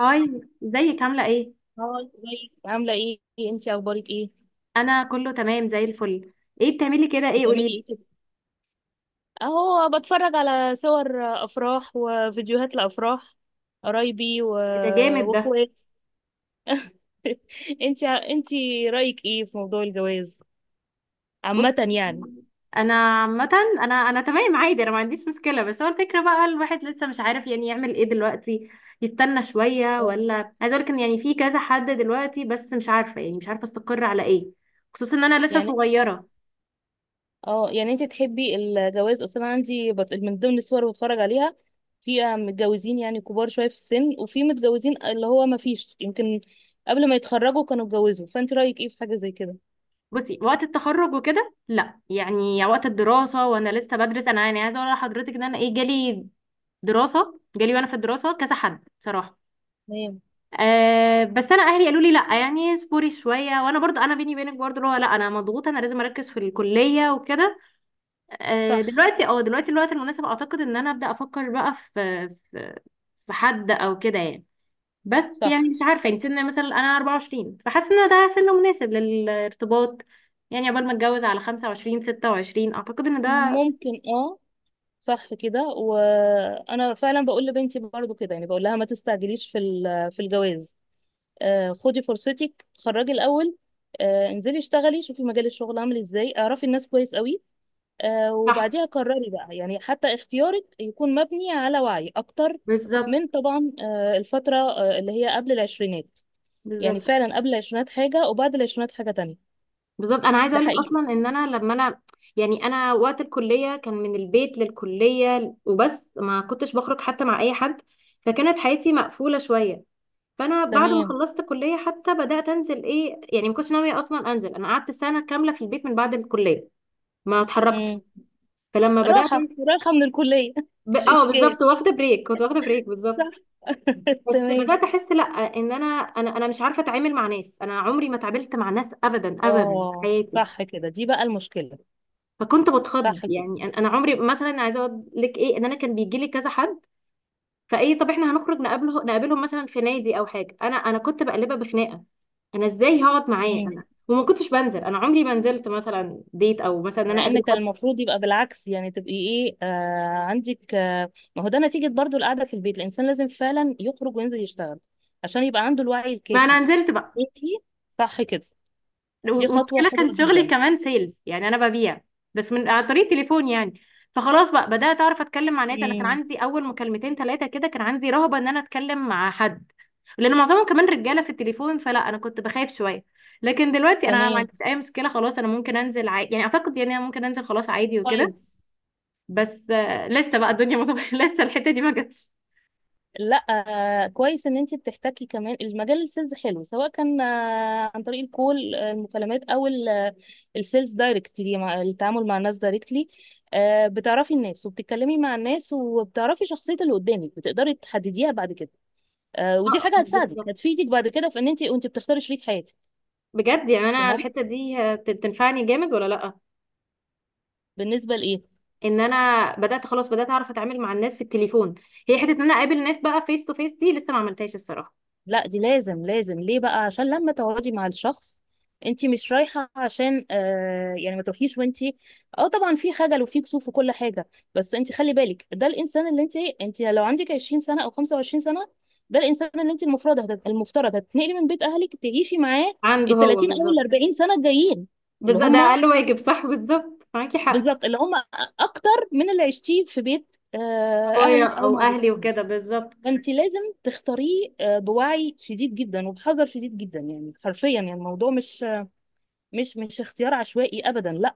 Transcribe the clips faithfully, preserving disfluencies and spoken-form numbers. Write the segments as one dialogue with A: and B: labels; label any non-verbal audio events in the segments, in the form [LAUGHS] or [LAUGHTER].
A: هاي، ازيك عاملة ايه؟
B: اه ازيك عاملة ايه؟ انتي اخبارك ايه؟
A: انا كله تمام زي الفل. ايه بتعملي كده، ايه
B: بتعملي
A: قوليلي.
B: ايه كده؟ اهو بتفرج على صور افراح وفيديوهات لافراح قرايبي و...
A: ده جامد ده.
B: واخوات. [LAUGHS] انتي انتي رأيك ايه في موضوع الجواز عامة
A: بصي،
B: يعني؟
A: انا عامة انا انا تمام عادي، انا ما عنديش مشكلة، بس هو الفكرة بقى الواحد لسه مش عارف يعني يعمل ايه دلوقتي، يستنى شوية
B: اه.
A: ولا. عايزة اقولك ان يعني في كذا حد دلوقتي، بس مش عارفة يعني مش عارفة استقر على ايه. خصوصا ان انا لسه
B: يعني انت حب...
A: صغيرة.
B: اه، يعني انت تحبي الجواز اصلا؟ عندي بت... من ضمن الصور اللي بتفرج عليها في آه، متجوزين يعني كبار شوية في السن، وفي متجوزين اللي هو ما فيش، يمكن قبل ما يتخرجوا كانوا اتجوزوا. فانت رأيك ايه في حاجة زي كده؟
A: بصي وقت التخرج وكده لا، يعني وقت الدراسة وانا لسه بدرس، انا يعني عايزة اقول لحضرتك ان انا ايه جالي. دراسة جالي وانا في الدراسة كذا حد بصراحة.
B: تمام.
A: أه، بس انا اهلي قالوا لي لا، يعني اصبري شويه، وانا برضو انا بيني وبينك برضو اللي هو لا، انا مضغوطه، انا لازم اركز في الكليه وكده. أه
B: صح.
A: دلوقتي اه دلوقتي الوقت المناسب، اعتقد ان انا ابدا افكر بقى في في, في حد او كده يعني. بس يعني
B: صح.
A: مش عارفه،
B: أن-
A: يعني سن مثلا انا اربعة وعشرين، فحاسه ان ده سن مناسب للارتباط. يعني قبل ما اتجوز على خمسة وعشرين، ستة وعشرين، اعتقد ان ده
B: ممكن اه. صح كده، وانا فعلا بقول لبنتي برضو كده، يعني بقول لها ما تستعجليش في ال- في الجواز. آه، خدي فرصتك اتخرجي الاول. آه، انزلي اشتغلي، شوفي مجال الشغل عامل ازاي، اعرفي الناس كويس قوي. آه،
A: صح.
B: وبعديها قرري بقى، يعني حتى اختيارك يكون مبني على وعي اكتر
A: بالظبط،
B: من طبعا آه، الفترة آه، اللي هي قبل العشرينات. يعني
A: بالظبط.
B: فعلا قبل العشرينات حاجة وبعد العشرينات حاجة تانية.
A: بالظبط انا عايزه
B: ده
A: اقول لك
B: حقيقي.
A: اصلا ان انا لما انا، يعني انا وقت الكليه كان من البيت للكليه وبس، ما كنتش بخرج حتى مع اي حد، فكانت حياتي مقفوله شويه. فانا بعد ما
B: تمام.
A: خلصت كليه حتى بدات انزل، ايه يعني ما كنتش ناويه اصلا انزل، انا قعدت سنه كامله في البيت من بعد الكليه. ما اتحركتش.
B: مم.
A: فلما بدات
B: راحة
A: أنزل-
B: راحة من الكلية [LAUGHS]
A: ب...
B: مش
A: اه
B: إشكال.
A: بالظبط، واخده بريك، كنت واخده بريك بالظبط.
B: صح. [LAUGHS]
A: بس
B: تمام.
A: بدات احس لا، ان انا انا انا مش عارفه اتعامل مع ناس، انا عمري ما اتعاملت مع ناس ابدا ابدا في
B: اه،
A: حياتي.
B: صح كده، دي بقى المشكلة.
A: فكنت بتخض،
B: صح كده.
A: يعني انا أنا عمري مثلا عايزه اقول لك ايه، ان انا كان بيجي لي كذا حد، فايه طب احنا هنخرج نقابله نقابلهم مثلا في نادي او حاجه، انا انا كنت بقلبها بخناقه. انا ازاي هقعد معاه
B: مم.
A: انا، وما كنتش بنزل، انا عمري ما نزلت مثلا ديت او مثلا ان انا
B: مع ان
A: اقابل
B: كان
A: حد.
B: المفروض يبقى بالعكس، يعني تبقي ايه آه عندك آه ما هو ده نتيجة برضو القعدة في البيت، الانسان لازم فعلا يخرج وينزل يشتغل عشان يبقى عنده الوعي
A: ما
B: الكافي.
A: انا نزلت بقى.
B: انتي صح كده، دي خطوة
A: والمشكله
B: حلوة
A: كان شغلي
B: جدا.
A: كمان سيلز، يعني انا ببيع بس من عن طريق تليفون يعني. فخلاص بقى بدات اعرف اتكلم مع ناس، انا كان
B: مم.
A: عندي اول مكالمتين ثلاثه كده كان عندي رهبه ان انا اتكلم مع حد، لان معظمهم كمان رجاله في التليفون، فلا انا كنت بخاف شويه. لكن دلوقتي انا ما
B: تمام.
A: عنديش اي مشكله، خلاص انا ممكن انزل عادي، يعني اعتقد يعني انا ممكن انزل خلاص عادي وكده.
B: كويس.
A: بس آه، لسه بقى الدنيا مظبوطه [LAUGHS] لسه الحته دي ما جاتش.
B: لا. آه، كويس ان انت بتحتكي كمان، المجال السيلز حلو، سواء كان آه، عن طريق الكول آه، المكالمات او ال- آه، السيلز دايركتلي، مع التعامل مع الناس دايركتلي. آه، بتعرفي الناس وبتتكلمي مع الناس، وبتعرفي شخصية اللي قدامك، بتقدري تحدديها بعد كده. آه، ودي
A: آه،
B: حاجة هتساعدك،
A: بالظبط.
B: هتفيدك بعد كده في ان انت وانت بتختاري شريك حياتك.
A: بجد يعني انا
B: تمام.
A: الحته دي آه، بت- بتنفعني جامد ولا لا.
B: بالنسبة لايه؟
A: ان انا بدات خلاص بدات اعرف اتعامل مع الناس في التليفون. هي حته ان انا اقابل ناس بقى فيس تو فيس، دي لسه ما عملتهاش الصراحه.
B: لا دي لازم، لازم ليه بقى؟ عشان لما تقعدي مع الشخص انت مش رايحه عشان آه يعني، ما تروحيش وانت، اه طبعا في خجل وفي كسوف وكل حاجه، بس انت خلي بالك ده الانسان اللي انت انت لو عندك عشرين سنه او خمسة وعشرين سنه، ده الانسان اللي انت المفروض هت- المفترض هتتنقلي من بيت اهلك تعيشي معاه
A: عنده
B: ال
A: هو
B: تلاتين او ال
A: بالظبط.
B: اربعين سنه الجايين. اللي
A: بالظبط، ده
B: هم
A: اقل واجب، صح، بالظبط معاكي حق.
B: بالظبط، اللي هم اكتر من اللي عشتيه في بيت آه
A: بابايا
B: اهلك او
A: او
B: مع.
A: اهلي وكده بالظبط.
B: فانت لازم تختاريه آه، بوعي شديد جدا وبحذر شديد جدا، يعني حرفيا يعني الموضوع مش، مش مش اختيار عشوائي ابدا، لا.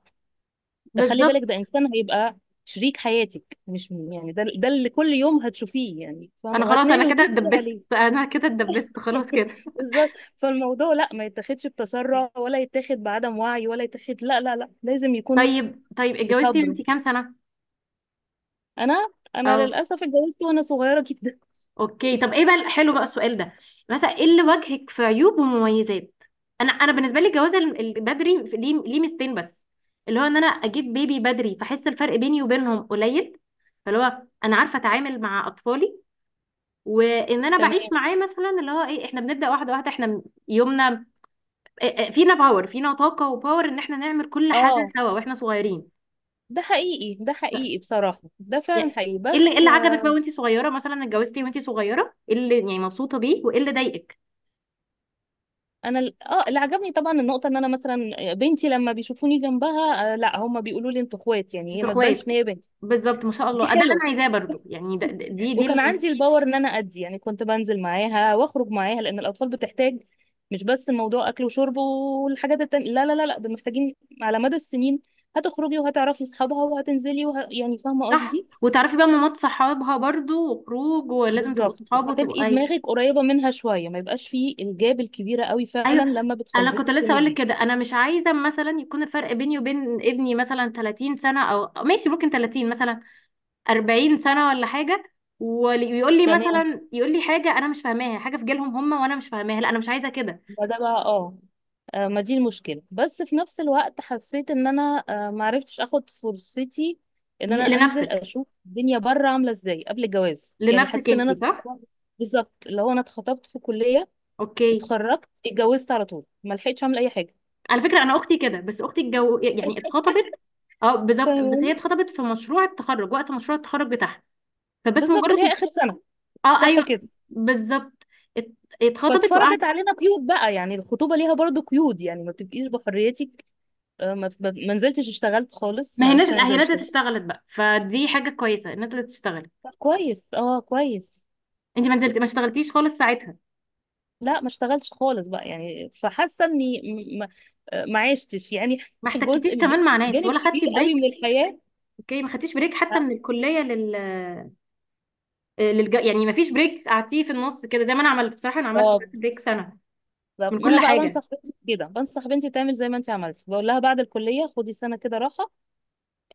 B: تخلي بالك ده
A: بالظبط،
B: انسان هيبقى شريك حياتك، مش يعني ده ده اللي كل يوم هتشوفيه يعني، فاهمه،
A: انا خلاص انا
B: وهتنامي
A: كده
B: وتصحي
A: اتدبست،
B: عليه.
A: انا كده اتدبست خلاص كده.
B: [LAUGHS] بالظبط. فالموضوع لا، ما يتاخدش بتسرع، ولا يتاخد بعدم وعي، ولا يتاخد، لا لا لا، لازم يكون
A: طيب طيب، اتجوزتي
B: بصبر.
A: وانتي كام سنه؟
B: انا، انا
A: اه،
B: للاسف اتجوزت وانا صغيره جدا.
A: اوكي. طب ايه بقى حلو بقى السؤال ده، مثلا ايه اللي وجهك في عيوب ومميزات. انا انا بالنسبه لي الجواز ال- ال- بدري ليه، ليه ميزتين بس، اللي هو ان انا اجيب بيبي بدري فاحس الفرق بيني وبينهم قليل، فاللي هو انا عارفه اتعامل مع اطفالي. وان
B: [LAUGHS]
A: انا
B: تمام.
A: بعيش معاه مثلا اللي هو ايه، احنا بنبدا واحده واحده، احنا م- يومنا إيه- إيه، فينا باور، فينا طاقه وباور ان احنا نعمل كل حاجه
B: اه،
A: سوا واحنا صغيرين.
B: ده حقيقي، ده
A: ف-
B: حقيقي بصراحه، ده فعلا
A: يا-
B: حقيقي،
A: ايه اللي،
B: بس.
A: ايه اللي عجبك بقى وانتي صغيره، مثلا اتجوزتي وانتي صغيره ايه اللي يعني مبسوطه بيه وايه اللي ضايقك.
B: انا ال- اه اللي عجبني طبعا النقطه ان انا مثلا بنتي لما بيشوفوني جنبها آه لا، هم بيقولوا لي انتوا اخوات، يعني هي
A: انتوا
B: ما تبانش
A: اخوات.
B: ان هي بنتي.
A: بالظبط، ما شاء الله.
B: دي
A: آه، ده اللي
B: حلوه.
A: انا عايزاه برضو، يعني ده ده- دي دي
B: وكان
A: ال-
B: عندي الباور ان انا ادي، يعني كنت بنزل معاها واخرج معاها، لان الاطفال بتحتاج، مش بس موضوع اكل وشرب والحاجات التانية، لا لا لا لا، دول محتاجين على مدى السنين. هتخرجي وهتعرفي اصحابها، وهتنزلي وه... يعني فاهمه
A: صح.
B: قصدي.
A: وتعرفي بقى مامات صحابها برضو، وخروج، ولازم تبقوا
B: بالظبط،
A: صحاب وتبقوا
B: فتبقي
A: اي.
B: دماغك قريبه منها شويه، ما يبقاش فيه الجاب الكبيره قوي فعلا
A: ايوه،
B: لما
A: انا
B: بتخليكي
A: كنت
B: في
A: لسه
B: سن
A: اقول لك
B: كبير.
A: كده، انا مش عايزه مثلا يكون الفرق بيني وبين ابني مثلا ثلاثين سنه او أو ماشي، ممكن ثلاثين مثلا، أربعين سنه ولا حاجه، ويقول لي
B: تمام.
A: مثلا يقول لي حاجه انا مش فاهماها، حاجه في جيلهم هم وانا مش فاهماها، لا انا مش عايزه كده.
B: ما ده بقى اه، آه، ما دي المشكلة، بس في نفس الوقت حسيت ان انا آه، معرفتش اخد فرصتي ان انا
A: ل-
B: انزل
A: لنفسك،
B: اشوف الدنيا بره عاملة ازاي قبل الجواز، يعني
A: لنفسك
B: حسيت ان
A: انتي
B: انا
A: صح.
B: بالظبط، اللي هو انا اتخطبت في كلية،
A: اوكي.
B: اتخرجت، اتجوزت على طول، ما لحقتش اعمل اي حاجة.
A: على فكرة أنا أختي كده، بس أختي الجو يعني اتخطبت. اه بالظبط، بس هي
B: فاهماني؟
A: اتخطبت في مشروع التخرج، وقت مشروع التخرج بتاعها. فبس
B: بالظبط، اللي هي
A: مجرد.
B: اخر سنة.
A: اه
B: صح
A: ايوه
B: كده.
A: بالظبط. ات- اتخطبت
B: فاتفرضت
A: وقعدت.
B: علينا قيود بقى، يعني الخطوبة ليها برضو قيود، يعني ما بتبقيش بحريتك. آه، ما ما- ما نزلتش اشتغلت خالص،
A: ما
B: ما
A: هي
B: عرفتش
A: نزلت،
B: انزل
A: هي نزلت
B: اشتغل.
A: اشتغلت بقى، فدي حاجة كويسة، نزلت اشتغلت.
B: طب كويس، اه كويس.
A: انت ما نزلت، ما اشتغلتيش خالص ساعتها.
B: لا ما اشتغلتش خالص بقى، يعني فحاسه اني م- م- ما عشتش يعني،
A: ما
B: [LAUGHS]
A: احتكتيش
B: جزء من-
A: كمان مع ناس،
B: جانب
A: ولا
B: كبير
A: خدتي
B: قوي من
A: بريك.
B: الحياه.
A: اوكي، ما خدتيش بريك حتى من الكلية لل للج... يعني ما فيش بريك قعدتيه في النص كده زي ما انا عملت، بصراحة انا عملت
B: بالظبط.
A: بريك سنة
B: بالظبط،
A: من
B: ما انا
A: كل
B: بقى بنصح
A: حاجة.
B: بنتي كده، بنصح بنتي تعمل زي ما انت عملتي، بقول لها بعد الكليه خدي سنه كده راحه،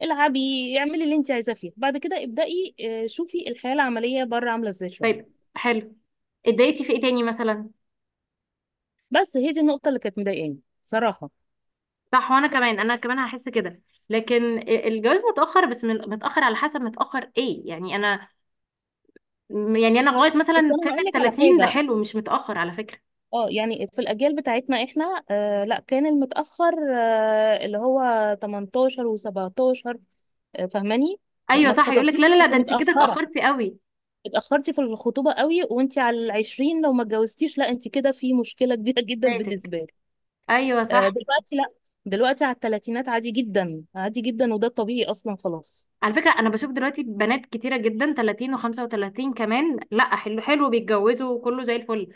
B: العبي، اعملي اللي انت عايزاه، فيه بعد كده ابدأي. آه، شوفي الحياه العمليه بره عامله ازاي شويه.
A: طيب حلو، اتضايقتي في ايه تاني مثلا.
B: بس هي دي النقطه اللي كانت مضايقاني صراحه.
A: صح، وانا كمان، انا كمان هحس كده. لكن الجواز متاخر، بس من- متاخر على حسب، متاخر ايه يعني، انا يعني انا لغايه
B: بس
A: مثلا سن
B: انا هقول
A: ال
B: لك على
A: تلاتين ده
B: حاجه،
A: حلو، مش متاخر على فكره.
B: اه يعني في الاجيال بتاعتنا احنا آه لا، كان المتاخر آه اللي هو تمنتاشر و17. آه فاهماني؟
A: ايوه
B: ما
A: صح، يقول لك
B: اتخطبتيش
A: لا لا لا،
B: كنت
A: ده انت كده
B: متاخره،
A: اتاخرتي قوي،
B: اتاخرتي في الخطوبه قوي، وانت على العشرين لو ما اتجوزتيش، لا انت كده في مشكله كبيره [LAUGHS] جدا
A: فاتك.
B: بالنسبه لك.
A: ايوه
B: آه
A: صح.
B: دلوقتي لا، دلوقتي على الثلاثينات عادي جدا، عادي جدا، وده الطبيعي اصلا خلاص.
A: على فكره انا بشوف دلوقتي بنات كتيره جدا ثلاثين و35 كمان، لا حلو حلو، بيتجوزوا وكله زي الفل.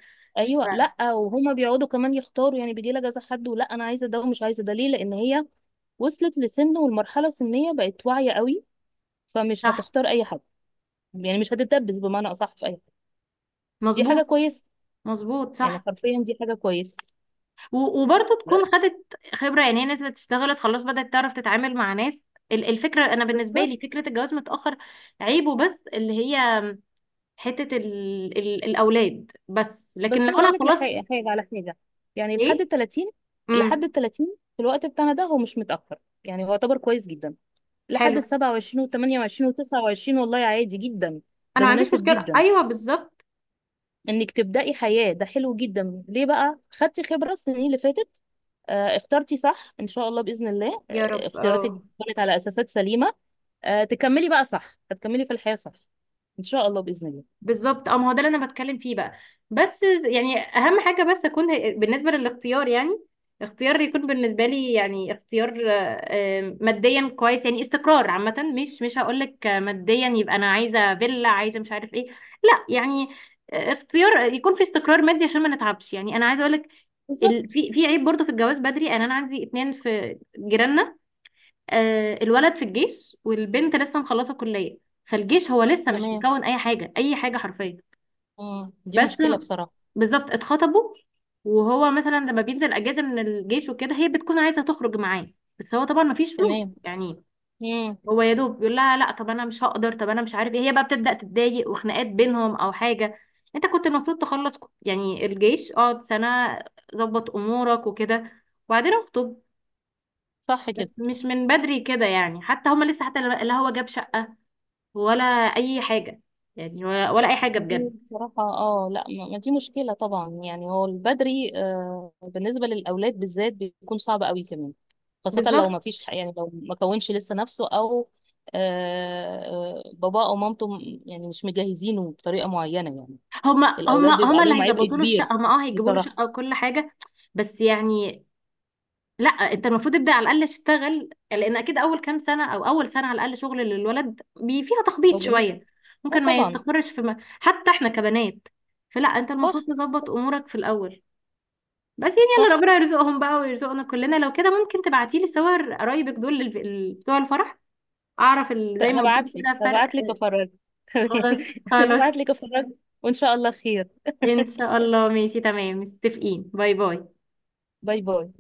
A: ف-
B: ايوه، لا وهما بيقعدوا كمان يختاروا، يعني بيجي لها كذا حد، ولا انا عايزه ده ومش عايزه ده، ليه؟ لان هي وصلت لسن والمرحله السنيه بقت واعيه قوي، فمش
A: صح،
B: هتختار اي حد، يعني مش هتتدبس بمعنى اصح في اي حد. دي حاجه
A: مظبوط،
B: كويسه،
A: مظبوط
B: يعني
A: صح.
B: حرفيا دي حاجه كويسه.
A: و- وبرضه، تكون خدت خبرة، يعني هي نزلت اشتغلت خلاص بدأت تعرف تتعامل مع ناس. ال- الفكرة، أنا بالنسبة لي
B: بالظبط.
A: فكرة الجواز متأخر، عيبه بس اللي هي حتة ال ال الأولاد بس. لكن
B: بس
A: لو
B: انا
A: أنا
B: هقول لك،
A: خلاص.
B: لحاجه حاجه على حاجه، يعني لحد ال
A: إيه؟
B: تلاتين، لحد ال
A: امم.
B: ثلاثين في الوقت بتاعنا ده هو مش متاخر، يعني هو يعتبر كويس جدا، لحد ال
A: حلو،
B: سبعة وعشرين وال تمانية وعشرين وال تسعة وعشرين والله عادي جدا.
A: أنا
B: ده
A: ما عنديش
B: مناسب
A: مشكلة،
B: جدا
A: أيوه بالظبط.
B: انك تبداي حياه، ده حلو جدا، ليه بقى؟ خدتي خبره السنين اللي فاتت، آه، اخترتي صح ان شاء الله باذن الله،
A: يا
B: آه،
A: رب
B: اختياراتك
A: اه.
B: كانت على اساسات سليمه، آه تكملي بقى صح، هتكملي في الحياة صح ان شاء الله بإذن الله.
A: بالظبط اه، ما هو ده اللي انا بتكلم فيه بقى. بس يعني اهم حاجه بس اكون، بالنسبه للاختيار يعني، اختيار يكون بالنسبه لي، يعني اختيار آه، آه، ماديا كويس، يعني استقرار عامه، مش مش هقول لك ماديا يبقى انا عايزه فيلا، عايزه مش عارف ايه، لا يعني، آه، اختيار يكون في استقرار مادي عشان ما نتعبش، يعني انا عايزه اقول لك ال...
B: بالظبط.
A: في في عيب برضه في الجواز بدري، يعني انا عندي اتنين في جيراننا. آه الولد في الجيش والبنت لسه مخلصه كليه، فالجيش هو لسه مش
B: تمام.
A: مكون اي حاجه، اي حاجه حرفيا.
B: مم. دي
A: بس
B: مشكلة بصراحة.
A: بالظبط اتخطبوا، وهو مثلا لما بينزل اجازه من الجيش وكده، هي بتكون عايزه تخرج معاه، بس هو طبعا مفيش فلوس
B: تمام.
A: يعني.
B: مم.
A: هو يا دوب بيقول لها لا، طب انا مش هقدر، طب انا مش عارف ايه، هي بقى بتبدا تتضايق وخناقات بينهم او حاجه. انت كنت المفروض تخلص ك- يعني الجيش، اقعد سنه، ظبط امورك وكده، وبعدين اخطب.
B: صح
A: بس
B: كده.
A: مش من بدري كده، يعني حتى هما لسه، حتى لا هو جاب شقه ولا اي حاجه، يعني ولا ولا اي حاجه
B: ما دي
A: بجد.
B: بصراحة اه، لا، ما ما دي مشكلة طبعا، يعني هو البدري آه بالنسبة للأولاد بالذات بيكون صعب قوي كمان، خاصة لو ما
A: بالظبط،
B: فيش ح- يعني لو ما كونش لسه نفسه، أو آه آه، باباه أو مامته م- يعني مش مجهزينه بطريقة معينة يعني.
A: هما
B: الأولاد
A: هما
B: بيبقى
A: هما اللي
B: عليهم عبء
A: هيظبطوا له
B: كبير
A: الشقه، هما اه هيجيبوا له
B: بصراحة.
A: شقه وكل حاجه. بس يعني لا، انت المفروض تبدا على الاقل تشتغل، لان اكيد اول كام سنه او اول سنه على الاقل شغل للولد بي فيها
B: هو
A: تخبيط
B: بالنسبة-
A: شويه،
B: اه
A: ممكن ما
B: طبعا.
A: يستقرش في م... حتى احنا كبنات، فلا انت المفروض
B: صح.
A: تظبط امورك في الاول. بس يعني يلا
B: صح.
A: ربنا يرزقهم بقى ويرزقنا كلنا. لو كده ممكن تبعتي لي صور قرايبك دول للف- ال- بتوع الفرح، اعرف ال... زي ما قلتي لي
B: هبعت لك
A: كده فرق.
B: هبعت لك افرجك. [LAUGHS]
A: خلاص،
B: تمام،
A: خلاص.
B: هبعت لك افرجك وان شاء الله خير.
A: ان شاء الله، ماشي تمام، متفقين، باي باي.
B: باي باي.